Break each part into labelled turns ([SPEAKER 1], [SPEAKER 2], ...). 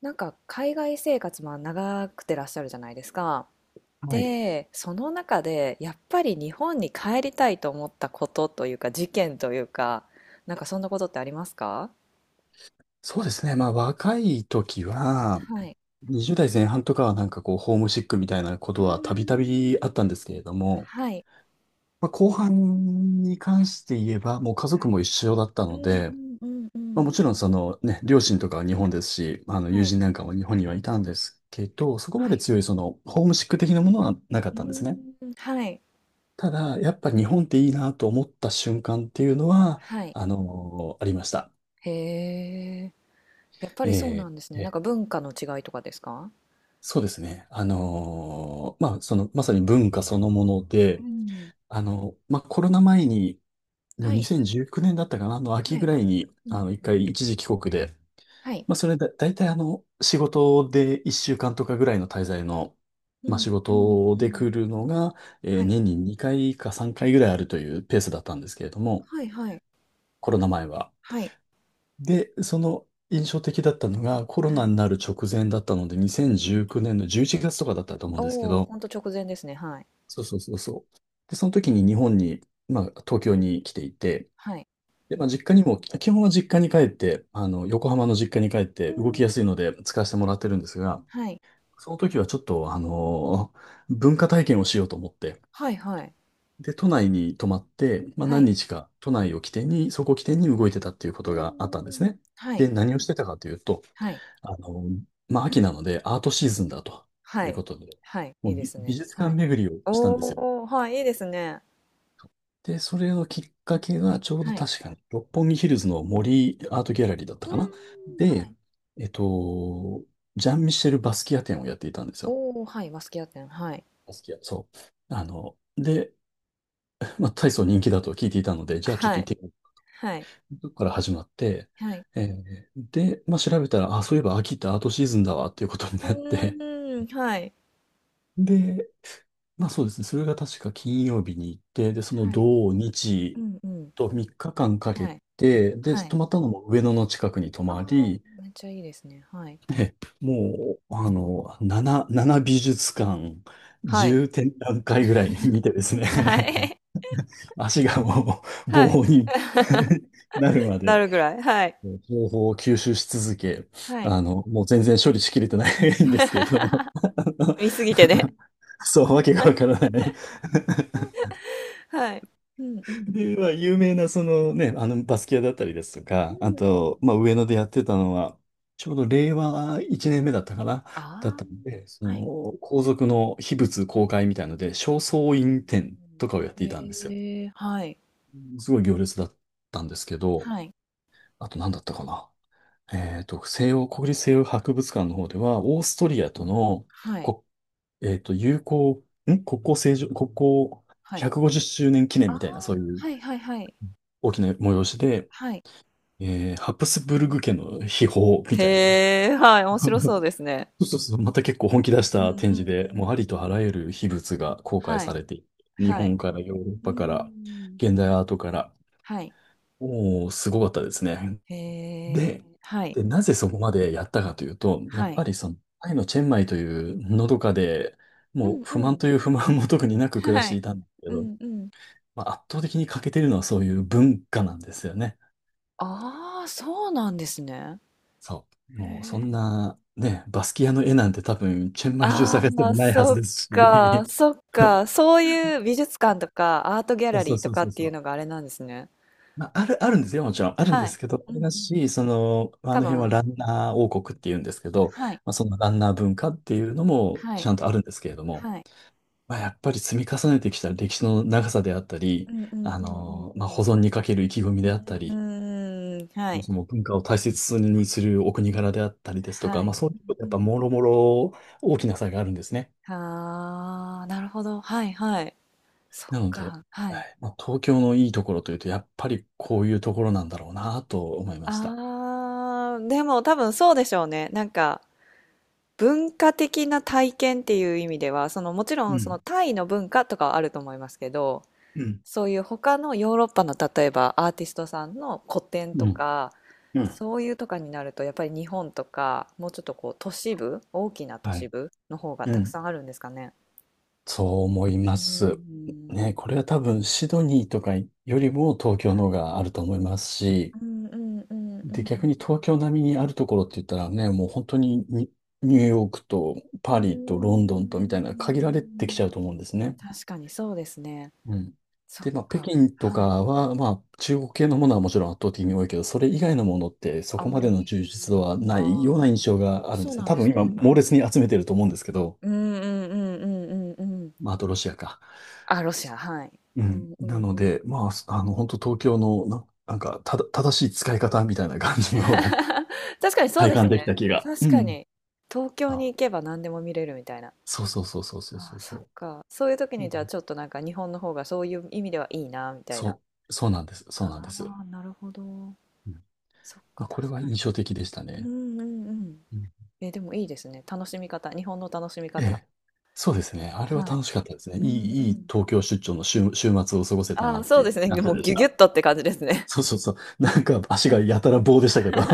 [SPEAKER 1] なんか海外生活も長くてらっしゃるじゃないですか。
[SPEAKER 2] はい。
[SPEAKER 1] で、その中でやっぱり日本に帰りたいと思ったことというか事件というか、なんかそんなことってありますか？
[SPEAKER 2] そうですね。まあ、若い時は、
[SPEAKER 1] はい。
[SPEAKER 2] 20代前半とかはなんかこう、ホームシックみたいなこ
[SPEAKER 1] う
[SPEAKER 2] と
[SPEAKER 1] ー
[SPEAKER 2] はたびたび
[SPEAKER 1] ん。
[SPEAKER 2] あったんですけれども、
[SPEAKER 1] はい。
[SPEAKER 2] まあ、後半に関して言えば、もう家
[SPEAKER 1] は
[SPEAKER 2] 族
[SPEAKER 1] い。
[SPEAKER 2] も一緒だった
[SPEAKER 1] う
[SPEAKER 2] の
[SPEAKER 1] ん
[SPEAKER 2] で、
[SPEAKER 1] うんうん
[SPEAKER 2] ま
[SPEAKER 1] う
[SPEAKER 2] あ、
[SPEAKER 1] ん。
[SPEAKER 2] もちろんそのね、両親とかは日本ですし、まあの、
[SPEAKER 1] は
[SPEAKER 2] 友
[SPEAKER 1] い。
[SPEAKER 2] 人なんかも日本にはいたんですけど、そこま
[SPEAKER 1] は
[SPEAKER 2] で
[SPEAKER 1] い。
[SPEAKER 2] 強いその、ホームシック的なものはなかっ
[SPEAKER 1] う
[SPEAKER 2] たんですね。
[SPEAKER 1] ーん。はい。
[SPEAKER 2] ただ、やっ
[SPEAKER 1] う
[SPEAKER 2] ぱ
[SPEAKER 1] ん。
[SPEAKER 2] 日本っていいなと思った瞬間っていうのは、
[SPEAKER 1] はい。
[SPEAKER 2] ありました。
[SPEAKER 1] へえ。やっぱりそうな
[SPEAKER 2] え
[SPEAKER 1] んですね。なんか
[SPEAKER 2] ー
[SPEAKER 1] 文化の違いとかですか？
[SPEAKER 2] そうですね。まあ、その、まさに文化そのもの
[SPEAKER 1] う
[SPEAKER 2] で、
[SPEAKER 1] ん。
[SPEAKER 2] まあ、コロナ前に、
[SPEAKER 1] はい。
[SPEAKER 2] 2019年だったかな、あの秋
[SPEAKER 1] は
[SPEAKER 2] ぐ
[SPEAKER 1] い。
[SPEAKER 2] らいに、
[SPEAKER 1] うんうん。
[SPEAKER 2] 一回一時帰国で、
[SPEAKER 1] はい。
[SPEAKER 2] まあ、それだ、大体仕事で1週間とかぐらいの滞在の、
[SPEAKER 1] う
[SPEAKER 2] まあ、仕
[SPEAKER 1] んうん
[SPEAKER 2] 事
[SPEAKER 1] う
[SPEAKER 2] で
[SPEAKER 1] ん。
[SPEAKER 2] 来るのが、
[SPEAKER 1] はい。
[SPEAKER 2] 年に2回か3回ぐらいあるというペースだったんですけれども、
[SPEAKER 1] はいはい。
[SPEAKER 2] コロナ前は。
[SPEAKER 1] はい。
[SPEAKER 2] で、その印象的だったのが、コロ
[SPEAKER 1] は
[SPEAKER 2] ナ
[SPEAKER 1] い。
[SPEAKER 2] になる直前だったので、
[SPEAKER 1] うん。
[SPEAKER 2] 2019年の11月とかだったと思うんですけ
[SPEAKER 1] おお、
[SPEAKER 2] ど、
[SPEAKER 1] ほんと直前ですね。はい。
[SPEAKER 2] そうそうそうそう。で、その時に日本に、まあ、東京に来ていて、
[SPEAKER 1] はい。
[SPEAKER 2] で、
[SPEAKER 1] うん。
[SPEAKER 2] まあ、実家にも、基本は実家に帰って、横浜の実家に帰っ
[SPEAKER 1] うー
[SPEAKER 2] て動
[SPEAKER 1] ん。
[SPEAKER 2] きやすいので使わせてもらってるんですが、
[SPEAKER 1] はい。
[SPEAKER 2] その時はちょっと、文化体験をしようと思って、
[SPEAKER 1] はいはい。
[SPEAKER 2] で、都内に泊まって、まあ、
[SPEAKER 1] は
[SPEAKER 2] 何
[SPEAKER 1] い。
[SPEAKER 2] 日か都内を起点に、そこを起点に動いてたっていうこ
[SPEAKER 1] う
[SPEAKER 2] とがあったんです
[SPEAKER 1] ーん。
[SPEAKER 2] ね。
[SPEAKER 1] はい。
[SPEAKER 2] で、何をしてたかというと、
[SPEAKER 1] はい。
[SPEAKER 2] あのまあ、秋なのでアートシー
[SPEAKER 1] はい。
[SPEAKER 2] ズンだと
[SPEAKER 1] は
[SPEAKER 2] いう
[SPEAKER 1] い。
[SPEAKER 2] ことで、
[SPEAKER 1] はい。
[SPEAKER 2] も
[SPEAKER 1] いい
[SPEAKER 2] う
[SPEAKER 1] で
[SPEAKER 2] 美
[SPEAKER 1] す
[SPEAKER 2] 美
[SPEAKER 1] ね。
[SPEAKER 2] 術
[SPEAKER 1] は
[SPEAKER 2] 館
[SPEAKER 1] い。
[SPEAKER 2] 巡りをしたんですよ。
[SPEAKER 1] おお、はい、いいですね。
[SPEAKER 2] で、それのきっかけが、ちょうど
[SPEAKER 1] はい。
[SPEAKER 2] 確かに、六本木ヒルズの森アートギャラリーだった
[SPEAKER 1] うー
[SPEAKER 2] か
[SPEAKER 1] ん。
[SPEAKER 2] な。
[SPEAKER 1] は
[SPEAKER 2] で、
[SPEAKER 1] い。
[SPEAKER 2] えっと、ジャン・ミシェル・バスキア展をやっていたんですよ。
[SPEAKER 1] おお、はい、バスキア展、はい。
[SPEAKER 2] バスキア。そう。で、まあ、大層人気だと聞いていたので、じゃあちょっ
[SPEAKER 1] は
[SPEAKER 2] と
[SPEAKER 1] い。
[SPEAKER 2] 行ってみよ
[SPEAKER 1] はい。
[SPEAKER 2] う。そこから始まって、
[SPEAKER 1] はい。
[SPEAKER 2] で、まあ、調べたら、あ、そういえば秋ってアートシーズンだわっていうことに
[SPEAKER 1] う
[SPEAKER 2] なって、
[SPEAKER 1] ーん、はい。
[SPEAKER 2] で、まあそうですね。それが確か金曜日に行って、で、その
[SPEAKER 1] はい。
[SPEAKER 2] 土
[SPEAKER 1] う
[SPEAKER 2] 日
[SPEAKER 1] んうん。
[SPEAKER 2] と3日間かけ
[SPEAKER 1] はい。
[SPEAKER 2] て、で、
[SPEAKER 1] はい。
[SPEAKER 2] 泊まったのも上野の近くに泊
[SPEAKER 1] あ
[SPEAKER 2] ま
[SPEAKER 1] あ、
[SPEAKER 2] り、
[SPEAKER 1] めっちゃいいですね。はい。
[SPEAKER 2] で、もう、7美術館、
[SPEAKER 1] はい。
[SPEAKER 2] 10展覧会ぐらい 見てですね、
[SPEAKER 1] はい。
[SPEAKER 2] 足がも う
[SPEAKER 1] はい。
[SPEAKER 2] 棒に なる ま
[SPEAKER 1] な
[SPEAKER 2] で、
[SPEAKER 1] るぐらい、はい。
[SPEAKER 2] 情報を吸収し続け、
[SPEAKER 1] はい。
[SPEAKER 2] もう全然処理しきれてないんですけど、
[SPEAKER 1] 見すぎてね。
[SPEAKER 2] そう、わけがわか らない
[SPEAKER 1] はい。うんうん。
[SPEAKER 2] で、有名なそのね、あのバスキアだったりですと
[SPEAKER 1] う
[SPEAKER 2] か、あ
[SPEAKER 1] んうん。
[SPEAKER 2] と、まあ、上野でやってたのは、ちょうど令和1年目だったかな、
[SPEAKER 1] あ
[SPEAKER 2] だったんで、そ
[SPEAKER 1] あ、はい。
[SPEAKER 2] の皇族の秘仏公開みたいので、正倉
[SPEAKER 1] あ
[SPEAKER 2] 院展とかをやっ
[SPEAKER 1] ー
[SPEAKER 2] ていたんですよ。
[SPEAKER 1] へえ、はい。
[SPEAKER 2] すごい行列だったんですけど、
[SPEAKER 1] はい。
[SPEAKER 2] あと何だったかな。西洋、国立西洋博物館の方では、オーストリアとの
[SPEAKER 1] はい。
[SPEAKER 2] こ、友好、国交正常、国交
[SPEAKER 1] はい。
[SPEAKER 2] 150周年記
[SPEAKER 1] あ
[SPEAKER 2] 念
[SPEAKER 1] あ、
[SPEAKER 2] みたいな、そういう
[SPEAKER 1] はいはいはい。
[SPEAKER 2] 大きな催しで、
[SPEAKER 1] はい。
[SPEAKER 2] ハプスブルグ家の秘宝みたいな。
[SPEAKER 1] へえ、はい、面白 そうですね。
[SPEAKER 2] そうそうそう。また結構本気出し
[SPEAKER 1] う
[SPEAKER 2] た
[SPEAKER 1] んう
[SPEAKER 2] 展
[SPEAKER 1] ん
[SPEAKER 2] 示
[SPEAKER 1] う
[SPEAKER 2] で、もう
[SPEAKER 1] ん。
[SPEAKER 2] ありとあらゆる秘仏が公開
[SPEAKER 1] は
[SPEAKER 2] さ
[SPEAKER 1] い。
[SPEAKER 2] れていて、日
[SPEAKER 1] はい。
[SPEAKER 2] 本からヨーロッ
[SPEAKER 1] う
[SPEAKER 2] パから、
[SPEAKER 1] ん。
[SPEAKER 2] 現代アートから、
[SPEAKER 1] はい。
[SPEAKER 2] もうすごかったですね。
[SPEAKER 1] へえ、
[SPEAKER 2] で、
[SPEAKER 1] はい。
[SPEAKER 2] で、なぜそこまでやったかというと、や
[SPEAKER 1] は
[SPEAKER 2] っ
[SPEAKER 1] い。
[SPEAKER 2] ぱりその、タイのチェンマイというのどかで、
[SPEAKER 1] う
[SPEAKER 2] もう
[SPEAKER 1] ん
[SPEAKER 2] 不
[SPEAKER 1] う
[SPEAKER 2] 満
[SPEAKER 1] ん。
[SPEAKER 2] という不満も特になく暮らし
[SPEAKER 1] は
[SPEAKER 2] て
[SPEAKER 1] い。
[SPEAKER 2] いたんですけ
[SPEAKER 1] う
[SPEAKER 2] ど、
[SPEAKER 1] んうん。
[SPEAKER 2] まあ、圧倒的に欠けてるのはそういう文化なんですよね。
[SPEAKER 1] ああ、そうなんですね。
[SPEAKER 2] そう。
[SPEAKER 1] へ
[SPEAKER 2] もうそ
[SPEAKER 1] え。
[SPEAKER 2] んな、ね、バスキアの絵なんて多分、チェンマイ中
[SPEAKER 1] あ
[SPEAKER 2] 探して
[SPEAKER 1] あ、
[SPEAKER 2] もないは
[SPEAKER 1] そ
[SPEAKER 2] ず
[SPEAKER 1] っ
[SPEAKER 2] です
[SPEAKER 1] か、
[SPEAKER 2] し。
[SPEAKER 1] そっ か。そういう美術館とかアートギャ
[SPEAKER 2] そ
[SPEAKER 1] ラ
[SPEAKER 2] うそ
[SPEAKER 1] リ
[SPEAKER 2] う
[SPEAKER 1] ーと
[SPEAKER 2] そう
[SPEAKER 1] か
[SPEAKER 2] そ
[SPEAKER 1] っ
[SPEAKER 2] う
[SPEAKER 1] てい
[SPEAKER 2] そ
[SPEAKER 1] う
[SPEAKER 2] う。
[SPEAKER 1] のがあれなんですね。
[SPEAKER 2] まあ、あるんですよ、もちろん。あるんで
[SPEAKER 1] はい。
[SPEAKER 2] すけど、
[SPEAKER 1] う
[SPEAKER 2] あ
[SPEAKER 1] んう
[SPEAKER 2] れ
[SPEAKER 1] ん。
[SPEAKER 2] だし、その、まああ
[SPEAKER 1] 多
[SPEAKER 2] の辺は
[SPEAKER 1] 分、
[SPEAKER 2] ランナー王国っていうんですけど、
[SPEAKER 1] はい、
[SPEAKER 2] まあ、そのランナー文化っていうのも
[SPEAKER 1] は
[SPEAKER 2] ち
[SPEAKER 1] い、
[SPEAKER 2] ゃんとあるんですけれども、
[SPEAKER 1] はい。
[SPEAKER 2] まあ、やっぱり積み重ねてきた歴史の長さであったり、
[SPEAKER 1] うんうんうんうんう
[SPEAKER 2] まあ、保
[SPEAKER 1] ん。
[SPEAKER 2] 存にかける意気込みであったり、
[SPEAKER 1] うーん、は
[SPEAKER 2] もう
[SPEAKER 1] い、
[SPEAKER 2] その文化を大切にするお国柄であったりですと
[SPEAKER 1] は
[SPEAKER 2] か、ま
[SPEAKER 1] い。
[SPEAKER 2] あ、そういうこと
[SPEAKER 1] う
[SPEAKER 2] やっぱ
[SPEAKER 1] ん
[SPEAKER 2] もろもろ大きな差があるんですね。
[SPEAKER 1] うん。ああ、なるほど。はいはい。そっ
[SPEAKER 2] なので、
[SPEAKER 1] か、は
[SPEAKER 2] は
[SPEAKER 1] い。
[SPEAKER 2] い、まあ、東京のいいところというと、やっぱりこういうところなんだろうなと思いました。
[SPEAKER 1] ああ、でも多分そうでしょうね。なんか文化的な体験っていう意味では、そのもちろ
[SPEAKER 2] う
[SPEAKER 1] んその
[SPEAKER 2] ん、
[SPEAKER 1] タイの文化とかはあると思いますけど、
[SPEAKER 2] うん、
[SPEAKER 1] そういう他のヨーロッパの例えばアーティストさんの古典
[SPEAKER 2] う
[SPEAKER 1] と
[SPEAKER 2] ん。
[SPEAKER 1] か、
[SPEAKER 2] うん、
[SPEAKER 1] そういうとかになるとやっぱり日本とかもうちょっとこう都市部、大きな都
[SPEAKER 2] は
[SPEAKER 1] 市
[SPEAKER 2] い。
[SPEAKER 1] 部の方が
[SPEAKER 2] う
[SPEAKER 1] たく
[SPEAKER 2] ん。
[SPEAKER 1] さんあるんですかね？
[SPEAKER 2] そう思い
[SPEAKER 1] う
[SPEAKER 2] ます。
[SPEAKER 1] ん。
[SPEAKER 2] ね、これは多分シドニーとかよりも東京
[SPEAKER 1] は
[SPEAKER 2] の方
[SPEAKER 1] い。
[SPEAKER 2] があると思いますし、
[SPEAKER 1] うんうんうんう
[SPEAKER 2] で、
[SPEAKER 1] ん。
[SPEAKER 2] 逆に東京並みにあるところって言ったらね、もう本当にニューヨークと
[SPEAKER 1] うー
[SPEAKER 2] パリとロンドンとみたいな限られてきちゃ
[SPEAKER 1] ん。
[SPEAKER 2] うと思うんですね。
[SPEAKER 1] 確かにそうですね。
[SPEAKER 2] うん。
[SPEAKER 1] そっ
[SPEAKER 2] で、まあ、北
[SPEAKER 1] か。
[SPEAKER 2] 京と
[SPEAKER 1] はい。
[SPEAKER 2] かは、まあ、中国系のものはもちろん圧倒的に多いけど、それ以外のものってそ
[SPEAKER 1] あ
[SPEAKER 2] こ
[SPEAKER 1] んま
[SPEAKER 2] までの充実
[SPEAKER 1] り、
[SPEAKER 2] 度は
[SPEAKER 1] あ
[SPEAKER 2] ないような印象
[SPEAKER 1] あ、
[SPEAKER 2] があるん
[SPEAKER 1] そ
[SPEAKER 2] で
[SPEAKER 1] う
[SPEAKER 2] すね。
[SPEAKER 1] なん
[SPEAKER 2] 多
[SPEAKER 1] で
[SPEAKER 2] 分
[SPEAKER 1] す
[SPEAKER 2] 今、
[SPEAKER 1] ね。
[SPEAKER 2] 猛烈に集めてると思うんですけど、
[SPEAKER 1] うんうんうんうんうんうん。
[SPEAKER 2] まあ、あとロシアか。
[SPEAKER 1] あ、ロシア、
[SPEAKER 2] そ
[SPEAKER 1] はい。
[SPEAKER 2] う
[SPEAKER 1] うん
[SPEAKER 2] ん。
[SPEAKER 1] う
[SPEAKER 2] な
[SPEAKER 1] ん
[SPEAKER 2] の
[SPEAKER 1] うん。
[SPEAKER 2] で、まあ、本当東京のなんか、ただ、正しい使い方みたいな感じの
[SPEAKER 1] 確かに そう
[SPEAKER 2] 体
[SPEAKER 1] です
[SPEAKER 2] 感
[SPEAKER 1] ね。
[SPEAKER 2] できた気が。
[SPEAKER 1] 確
[SPEAKER 2] う
[SPEAKER 1] か
[SPEAKER 2] ん。
[SPEAKER 1] に。東京に
[SPEAKER 2] あ、
[SPEAKER 1] 行けば何でも見れるみたいな。
[SPEAKER 2] そうそうそうそうそう
[SPEAKER 1] ああ、
[SPEAKER 2] そう
[SPEAKER 1] そっ
[SPEAKER 2] そ
[SPEAKER 1] か。そういう時
[SPEAKER 2] う。う
[SPEAKER 1] に
[SPEAKER 2] ん、
[SPEAKER 1] じゃあちょっとなんか日本の方がそういう意味ではいいな、みたいな。
[SPEAKER 2] そう、そうなんです。そうなんで
[SPEAKER 1] あ
[SPEAKER 2] す。
[SPEAKER 1] あ、なるほど。
[SPEAKER 2] うん、
[SPEAKER 1] そっ
[SPEAKER 2] ま
[SPEAKER 1] か、
[SPEAKER 2] あ、これ
[SPEAKER 1] 確
[SPEAKER 2] は
[SPEAKER 1] かに。
[SPEAKER 2] 印象的でした
[SPEAKER 1] う
[SPEAKER 2] ね。
[SPEAKER 1] んうんうん。
[SPEAKER 2] うん、
[SPEAKER 1] え、でもいいですね。楽しみ方。日本の楽しみ
[SPEAKER 2] え
[SPEAKER 1] 方。
[SPEAKER 2] え、そうですね。あれは
[SPEAKER 1] はい。
[SPEAKER 2] 楽しかったですね。い
[SPEAKER 1] うんう
[SPEAKER 2] い、いい
[SPEAKER 1] ん。
[SPEAKER 2] 東京出張の週末を過ごせた
[SPEAKER 1] あ
[SPEAKER 2] な
[SPEAKER 1] あ、
[SPEAKER 2] って
[SPEAKER 1] そう
[SPEAKER 2] い
[SPEAKER 1] で
[SPEAKER 2] う
[SPEAKER 1] す
[SPEAKER 2] 感
[SPEAKER 1] ね。
[SPEAKER 2] じ
[SPEAKER 1] もう
[SPEAKER 2] で
[SPEAKER 1] ギ
[SPEAKER 2] し
[SPEAKER 1] ュギュ
[SPEAKER 2] た。
[SPEAKER 1] ッとって感じですね。
[SPEAKER 2] そうそうそう。なんか足がや たら棒でしたけど。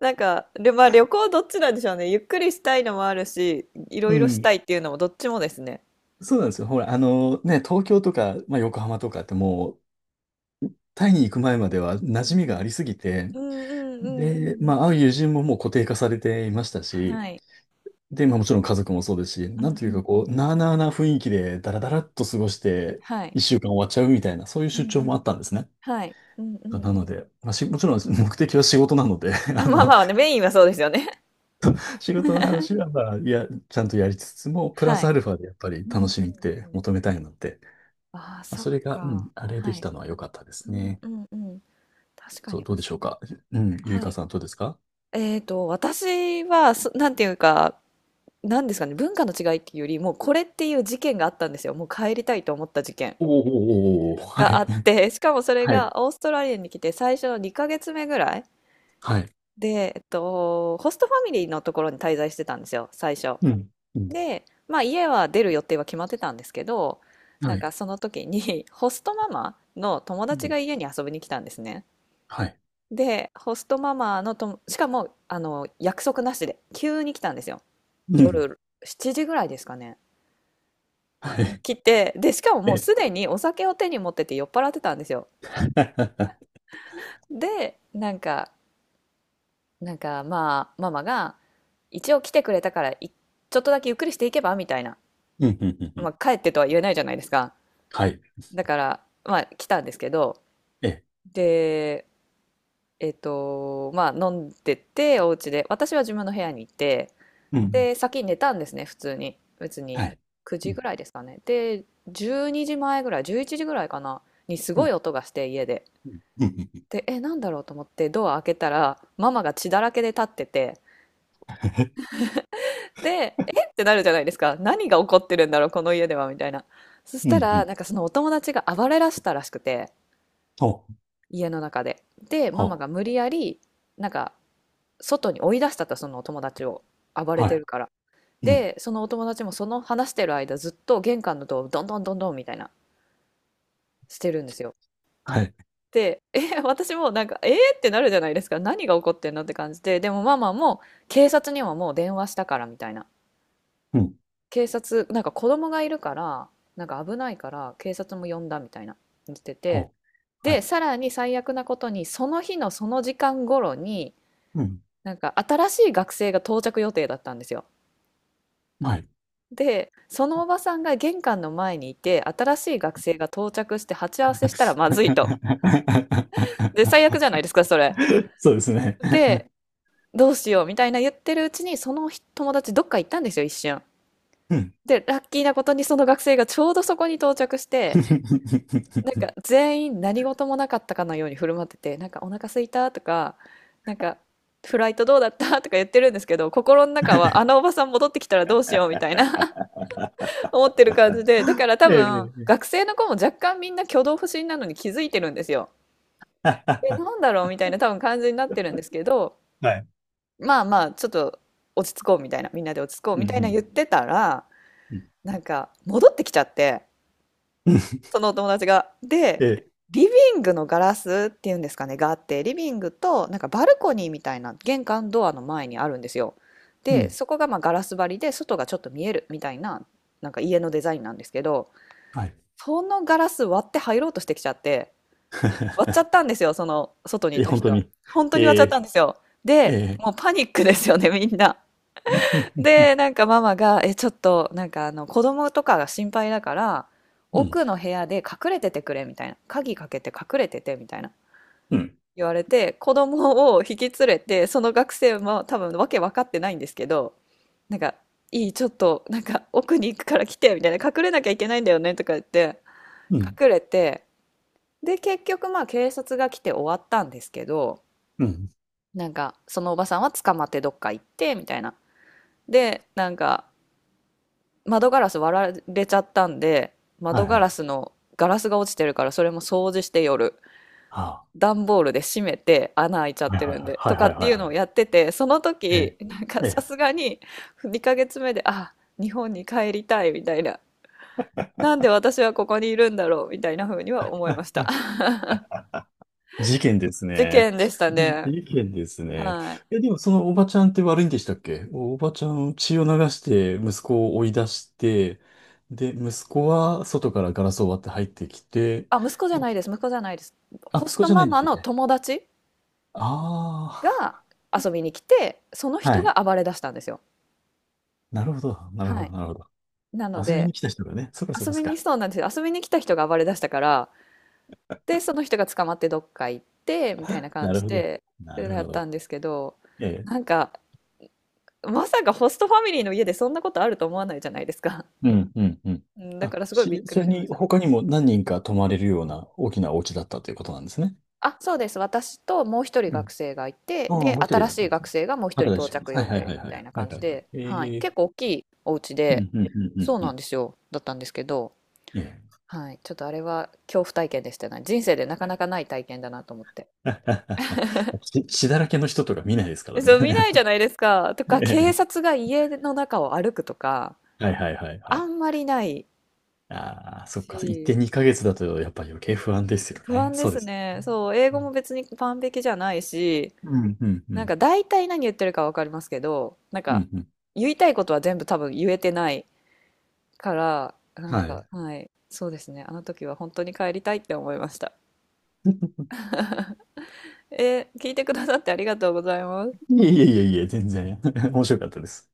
[SPEAKER 1] なんか、で、まあ旅行どっちなんでしょうね。ゆっくりしたいのもあるし、いろ
[SPEAKER 2] う
[SPEAKER 1] いろした
[SPEAKER 2] ん。
[SPEAKER 1] いっていうのもどっちもですね。
[SPEAKER 2] そうなんですよ。ほら、あのね、東京とか、まあ、横浜とかってもう、タイに行く前までは
[SPEAKER 1] う
[SPEAKER 2] 馴染みがあ
[SPEAKER 1] ん
[SPEAKER 2] りすぎて、
[SPEAKER 1] うんうんうんうんう
[SPEAKER 2] で、
[SPEAKER 1] ん。
[SPEAKER 2] まあ、会う友人ももう固定化されていましたし、
[SPEAKER 1] はい。
[SPEAKER 2] で、まあもちろん家族もそうですし、
[SPEAKER 1] うんう
[SPEAKER 2] なんという
[SPEAKER 1] ん
[SPEAKER 2] か
[SPEAKER 1] う
[SPEAKER 2] こう、
[SPEAKER 1] ん。
[SPEAKER 2] なあなあな雰囲気でダラダラっと過ごして、
[SPEAKER 1] はい。
[SPEAKER 2] 一週間終わっちゃうみたいな、そういう
[SPEAKER 1] う
[SPEAKER 2] 出
[SPEAKER 1] ん
[SPEAKER 2] 張
[SPEAKER 1] う
[SPEAKER 2] もあ
[SPEAKER 1] ん。
[SPEAKER 2] ったんですね。
[SPEAKER 1] はい。うんうん
[SPEAKER 2] な
[SPEAKER 1] う
[SPEAKER 2] の
[SPEAKER 1] ん。
[SPEAKER 2] でまあもちろん目的は仕事なので、
[SPEAKER 1] あ、 まあまあね、メインはそうですよね。
[SPEAKER 2] 仕事の話 はまあちゃんとやりつつも、プラ
[SPEAKER 1] は
[SPEAKER 2] ス
[SPEAKER 1] い。
[SPEAKER 2] アルファでやっぱり
[SPEAKER 1] うんう
[SPEAKER 2] 楽
[SPEAKER 1] ん
[SPEAKER 2] しみって
[SPEAKER 1] うん。
[SPEAKER 2] 求めたいので、
[SPEAKER 1] ああ、
[SPEAKER 2] まあ
[SPEAKER 1] そっ
[SPEAKER 2] それが、うん、
[SPEAKER 1] か、
[SPEAKER 2] あれで
[SPEAKER 1] は
[SPEAKER 2] き
[SPEAKER 1] い。
[SPEAKER 2] たのは良かったで
[SPEAKER 1] う
[SPEAKER 2] す
[SPEAKER 1] ん
[SPEAKER 2] ね。
[SPEAKER 1] うんうん。確か
[SPEAKER 2] そう、
[SPEAKER 1] に
[SPEAKER 2] どう
[SPEAKER 1] 面
[SPEAKER 2] でしょう
[SPEAKER 1] 白い。
[SPEAKER 2] か。うん、ゆい
[SPEAKER 1] は
[SPEAKER 2] か
[SPEAKER 1] い。
[SPEAKER 2] さん、どうですか？
[SPEAKER 1] 私はなんていうか、なんですかね、文化の違いっていうより、もうこれっていう事件があったんですよ。もう帰りたいと思った事件
[SPEAKER 2] おお、は
[SPEAKER 1] があ
[SPEAKER 2] い、
[SPEAKER 1] って、しかもそれ
[SPEAKER 2] はい、
[SPEAKER 1] がオーストラリアに来て最初の2ヶ月目ぐらい
[SPEAKER 2] はい、
[SPEAKER 1] で、ホストファミリーのところに滞在してたんですよ、最初。
[SPEAKER 2] うん、うん、
[SPEAKER 1] で、まあ家は出る予定は決まってたんですけど、
[SPEAKER 2] は
[SPEAKER 1] なん
[SPEAKER 2] い、
[SPEAKER 1] かその時に ホストママの友達が家に遊びに来たんですね。
[SPEAKER 2] はい、
[SPEAKER 1] で、ホストママのとも、しかも、約束なしで、急に来たんですよ。
[SPEAKER 2] うん、
[SPEAKER 1] 夜7時ぐらいですかね。
[SPEAKER 2] は
[SPEAKER 1] に
[SPEAKER 2] い、
[SPEAKER 1] 来て、で、しかももう
[SPEAKER 2] え、
[SPEAKER 1] すでにお酒を手に持ってて酔っ払ってたんですよ。で、なんか、まあ、ママが、一応来てくれたから、ょっとだけゆっくりしていけばみたいな。
[SPEAKER 2] うん、うん、う
[SPEAKER 1] ま
[SPEAKER 2] ん、
[SPEAKER 1] あ、帰ってとは言えないじゃないですか。
[SPEAKER 2] はい、
[SPEAKER 1] だから、まあ、来たんですけど、
[SPEAKER 2] え、
[SPEAKER 1] で、まあ、飲んでて、お家で、私は自分の部屋に行って、
[SPEAKER 2] うん、
[SPEAKER 1] で、先に寝たんですね、普通に。別に、
[SPEAKER 2] はい、
[SPEAKER 1] 9
[SPEAKER 2] う
[SPEAKER 1] 時
[SPEAKER 2] ん、
[SPEAKER 1] ぐらいですかね。で、12時前ぐらい、11時ぐらいかな、にすご
[SPEAKER 2] う
[SPEAKER 1] い音がして、家で。
[SPEAKER 2] ん、うん、うん、
[SPEAKER 1] で、え、なんだろうと思ってドア開けたら、ママが血だらけで立ってて、で、えってなるじゃないですか。何が起こってるんだろう、この家では、みたいな。そし
[SPEAKER 2] う
[SPEAKER 1] た
[SPEAKER 2] ん、う
[SPEAKER 1] ら、
[SPEAKER 2] ん、
[SPEAKER 1] なんかそのお友達が暴れらしたらしくて、
[SPEAKER 2] お
[SPEAKER 1] 家の中で。で、マ
[SPEAKER 2] お、
[SPEAKER 1] マが無理やり、なんか、外に追い出したと、そのお友達を。暴れ
[SPEAKER 2] は
[SPEAKER 1] て
[SPEAKER 2] い、
[SPEAKER 1] るから。
[SPEAKER 2] うん。
[SPEAKER 1] で、そのお友達もその話してる間、ずっと玄関のドアをどんどんどんどんみたいな、してるんですよ。
[SPEAKER 2] はい。
[SPEAKER 1] で、え、私もなんか、えーってなるじゃないですか。何が起こってんのって感じで。でもママも警察にはもう電話したからみたいな。
[SPEAKER 2] うん。
[SPEAKER 1] 警察、なんか子供がいるから、なんか危ないから警察も呼んだみたいな言ってて。
[SPEAKER 2] ほう。は
[SPEAKER 1] で、
[SPEAKER 2] い。
[SPEAKER 1] さらに最悪なことに、その日のその時間頃に、
[SPEAKER 2] うん。
[SPEAKER 1] なんか新しい学生が到着予定だったんですよ。
[SPEAKER 2] はい。
[SPEAKER 1] で、そのおばさんが玄関の前にいて、新しい学生が到着して鉢合わせしたらまずいと。で、最 悪じゃないですか、それ。
[SPEAKER 2] そうですね。
[SPEAKER 1] で、どうしようみたいな言ってるうちに、その友達どっか行ったんですよ、一瞬。
[SPEAKER 2] うん。
[SPEAKER 1] で、ラッキーなことにその学生がちょうどそこに到着して、なん か全員何事もなかったかのように振る舞ってて、なんかお腹空いたとか、なんかフライトどうだったとか言ってるんですけど、心の中はあのおばさん戻ってきたらどうしようみたいな 思ってる感じで、だから多
[SPEAKER 2] え
[SPEAKER 1] 分
[SPEAKER 2] え、
[SPEAKER 1] 学生の子も若干みんな挙動不審なのに気づいてるんですよ。
[SPEAKER 2] あ
[SPEAKER 1] で、
[SPEAKER 2] あ。
[SPEAKER 1] なんだろうみたいな多分感じになってるんですけど、
[SPEAKER 2] はい。
[SPEAKER 1] まあまあ、ちょっと落ち着こうみたいな、みんなで落ち着こう
[SPEAKER 2] うん、う
[SPEAKER 1] みたいな
[SPEAKER 2] ん、
[SPEAKER 1] 言ってたら、
[SPEAKER 2] うん。
[SPEAKER 1] なんか戻ってきちゃって、そのお友達が。
[SPEAKER 2] え
[SPEAKER 1] で、
[SPEAKER 2] え、
[SPEAKER 1] リビングのガラスっていうんですかね、があって、リビングとなんかバルコニーみたいな玄関ドアの前にあるんですよ。
[SPEAKER 2] う
[SPEAKER 1] で、
[SPEAKER 2] ん、
[SPEAKER 1] そこがまあガラス張りで、外がちょっと見えるみたいな、なんか家のデザインなんですけど、
[SPEAKER 2] はい。
[SPEAKER 1] そのガラス割って入ろうとしてきちゃって、割っちゃ ったんですよ、その外にい
[SPEAKER 2] え、
[SPEAKER 1] た
[SPEAKER 2] 本当
[SPEAKER 1] 人。
[SPEAKER 2] に。
[SPEAKER 1] 本当に割っちゃ
[SPEAKER 2] え
[SPEAKER 1] ったん
[SPEAKER 2] え、
[SPEAKER 1] ですよ。
[SPEAKER 2] え
[SPEAKER 1] で、
[SPEAKER 2] え。
[SPEAKER 1] もうパニックですよね、みんな。で、なんかママが、え、ちょっと、なんか、子供とかが心配だから、
[SPEAKER 2] うん、
[SPEAKER 1] 奥の部屋で隠れててくれ、みたいな。鍵かけて隠れてて、みたいな。
[SPEAKER 2] うん、
[SPEAKER 1] 言われて、子供を引き連れて、その学生も多分わけ分かってないんですけど、なんか、いい、ちょっと、なんか、奥に行くから来て、みたいな。隠れなきゃいけないんだよね、とか言って、
[SPEAKER 2] うん、
[SPEAKER 1] 隠れて、で、結局、まあ、警察が来て終わったんですけど、
[SPEAKER 2] うん。
[SPEAKER 1] なんか、そのおばさんは捕まってどっか行って、みたいな。で、なんか、窓ガラス割られちゃったんで、
[SPEAKER 2] は
[SPEAKER 1] 窓
[SPEAKER 2] い、
[SPEAKER 1] ガ
[SPEAKER 2] は
[SPEAKER 1] ラ
[SPEAKER 2] い。
[SPEAKER 1] スのガラスが落ちてるからそれも掃除して夜、
[SPEAKER 2] あ
[SPEAKER 1] 段ボールで閉めて穴開いちゃってるん
[SPEAKER 2] あ、
[SPEAKER 1] で、
[SPEAKER 2] は
[SPEAKER 1] と
[SPEAKER 2] い、
[SPEAKER 1] か
[SPEAKER 2] はい、はい。はい、
[SPEAKER 1] って
[SPEAKER 2] はい、
[SPEAKER 1] いう
[SPEAKER 2] はい、
[SPEAKER 1] の
[SPEAKER 2] は
[SPEAKER 1] を
[SPEAKER 2] い。
[SPEAKER 1] やってて、その
[SPEAKER 2] え
[SPEAKER 1] 時、
[SPEAKER 2] え、
[SPEAKER 1] なんか
[SPEAKER 2] え
[SPEAKER 1] さ
[SPEAKER 2] え。
[SPEAKER 1] すがに2ヶ月目で、あ、日本に帰りたいみたいな。なんで私はここにいるんだろうみたいな風には思いました。
[SPEAKER 2] 事件です
[SPEAKER 1] 事
[SPEAKER 2] ね。
[SPEAKER 1] 件でした ね。
[SPEAKER 2] 事件ですね。
[SPEAKER 1] はい。
[SPEAKER 2] え、でもそのおばちゃんって悪いんでしたっけ？おばちゃん血を流して息子を追い出して、で、息子は外からガラスを割って入ってきて、
[SPEAKER 1] あ、息子じゃないで
[SPEAKER 2] で、
[SPEAKER 1] す。息子じゃないです。
[SPEAKER 2] あ、
[SPEAKER 1] ホ
[SPEAKER 2] 息
[SPEAKER 1] ス
[SPEAKER 2] 子
[SPEAKER 1] ト
[SPEAKER 2] じゃな
[SPEAKER 1] マ
[SPEAKER 2] いんでし
[SPEAKER 1] マ
[SPEAKER 2] たっ
[SPEAKER 1] の
[SPEAKER 2] け？
[SPEAKER 1] 友達が
[SPEAKER 2] あ
[SPEAKER 1] 遊びに来て、その
[SPEAKER 2] あー、は
[SPEAKER 1] 人が
[SPEAKER 2] い。
[SPEAKER 1] 暴れ出したんですよ。
[SPEAKER 2] なるほど、なる
[SPEAKER 1] は
[SPEAKER 2] ほ
[SPEAKER 1] い。
[SPEAKER 2] ど、なるほど。
[SPEAKER 1] なの
[SPEAKER 2] 遊び
[SPEAKER 1] で、
[SPEAKER 2] に来た人がね、そうかそう
[SPEAKER 1] 遊
[SPEAKER 2] かそ
[SPEAKER 1] び
[SPEAKER 2] う
[SPEAKER 1] に、
[SPEAKER 2] か。
[SPEAKER 1] そうなんですよ。遊びに来た人が暴れ出したから、で、その人が捕まってどっか行って、みたいな感
[SPEAKER 2] なる
[SPEAKER 1] じ
[SPEAKER 2] ほど、
[SPEAKER 1] で、で
[SPEAKER 2] なる
[SPEAKER 1] や
[SPEAKER 2] ほ
[SPEAKER 1] ったん
[SPEAKER 2] ど。
[SPEAKER 1] ですけど、
[SPEAKER 2] ええ、
[SPEAKER 1] なんか、まさかホストファミリーの家でそんなことあると思わないじゃないですか。
[SPEAKER 2] うん、うん、うん。
[SPEAKER 1] うん、だか
[SPEAKER 2] あ、
[SPEAKER 1] らすごいびっく
[SPEAKER 2] そ
[SPEAKER 1] り
[SPEAKER 2] れ
[SPEAKER 1] しま
[SPEAKER 2] に
[SPEAKER 1] した。
[SPEAKER 2] 他にも何人か泊まれるような大きなお家だったということなんですね。
[SPEAKER 1] あ、そうです。私ともう一人学生がいて、
[SPEAKER 2] ああ、
[SPEAKER 1] で、
[SPEAKER 2] もう一人
[SPEAKER 1] 新
[SPEAKER 2] だっ
[SPEAKER 1] し
[SPEAKER 2] た
[SPEAKER 1] い
[SPEAKER 2] んです
[SPEAKER 1] 学
[SPEAKER 2] ね。
[SPEAKER 1] 生がもう一人
[SPEAKER 2] 畑田
[SPEAKER 1] 到
[SPEAKER 2] 修子
[SPEAKER 1] 着
[SPEAKER 2] さん。
[SPEAKER 1] 予
[SPEAKER 2] はい、は
[SPEAKER 1] 定
[SPEAKER 2] い、はい、は
[SPEAKER 1] み
[SPEAKER 2] い。は
[SPEAKER 1] たいな
[SPEAKER 2] い、
[SPEAKER 1] 感じ
[SPEAKER 2] はい、はい。
[SPEAKER 1] で、はい。
[SPEAKER 2] ええ、
[SPEAKER 1] 結構大きいお家
[SPEAKER 2] う
[SPEAKER 1] で、
[SPEAKER 2] ん、うん、うん、う
[SPEAKER 1] そ
[SPEAKER 2] ん、
[SPEAKER 1] う
[SPEAKER 2] う
[SPEAKER 1] なん
[SPEAKER 2] ん。
[SPEAKER 1] ですよ。だったんですけど、
[SPEAKER 2] ええ。
[SPEAKER 1] はい。ちょっとあれは恐怖体験でしたね。人生でなかなかない体験だなと思って。
[SPEAKER 2] 血、血だらけの人とか見ないですから
[SPEAKER 1] そ
[SPEAKER 2] ね。
[SPEAKER 1] う、見ないじゃないですか。とか、警
[SPEAKER 2] ええ、
[SPEAKER 1] 察が家の中を歩くとか、
[SPEAKER 2] はい、はい、はい、は
[SPEAKER 1] あ
[SPEAKER 2] い。
[SPEAKER 1] んまりない
[SPEAKER 2] ああ、そっか。一
[SPEAKER 1] し、
[SPEAKER 2] 点二ヶ月だとやっぱり余計不安ですよ
[SPEAKER 1] 不
[SPEAKER 2] ね。
[SPEAKER 1] 安で
[SPEAKER 2] そうで
[SPEAKER 1] す
[SPEAKER 2] す。
[SPEAKER 1] ね。そう、英
[SPEAKER 2] う
[SPEAKER 1] 語も別に完璧じゃないし、
[SPEAKER 2] ん、うん、う
[SPEAKER 1] なん
[SPEAKER 2] ん。
[SPEAKER 1] か大体何言ってるかわかりますけど、なん
[SPEAKER 2] う
[SPEAKER 1] か
[SPEAKER 2] ん、うん。
[SPEAKER 1] 言いたいことは全部多分言えてないから、なん
[SPEAKER 2] はい。
[SPEAKER 1] か、はい、そうですね。あの時は本当に帰りたいって思いました。えー聞いてくださってありがとうございます。
[SPEAKER 2] いえいえいえいえ、全然。面白かったです。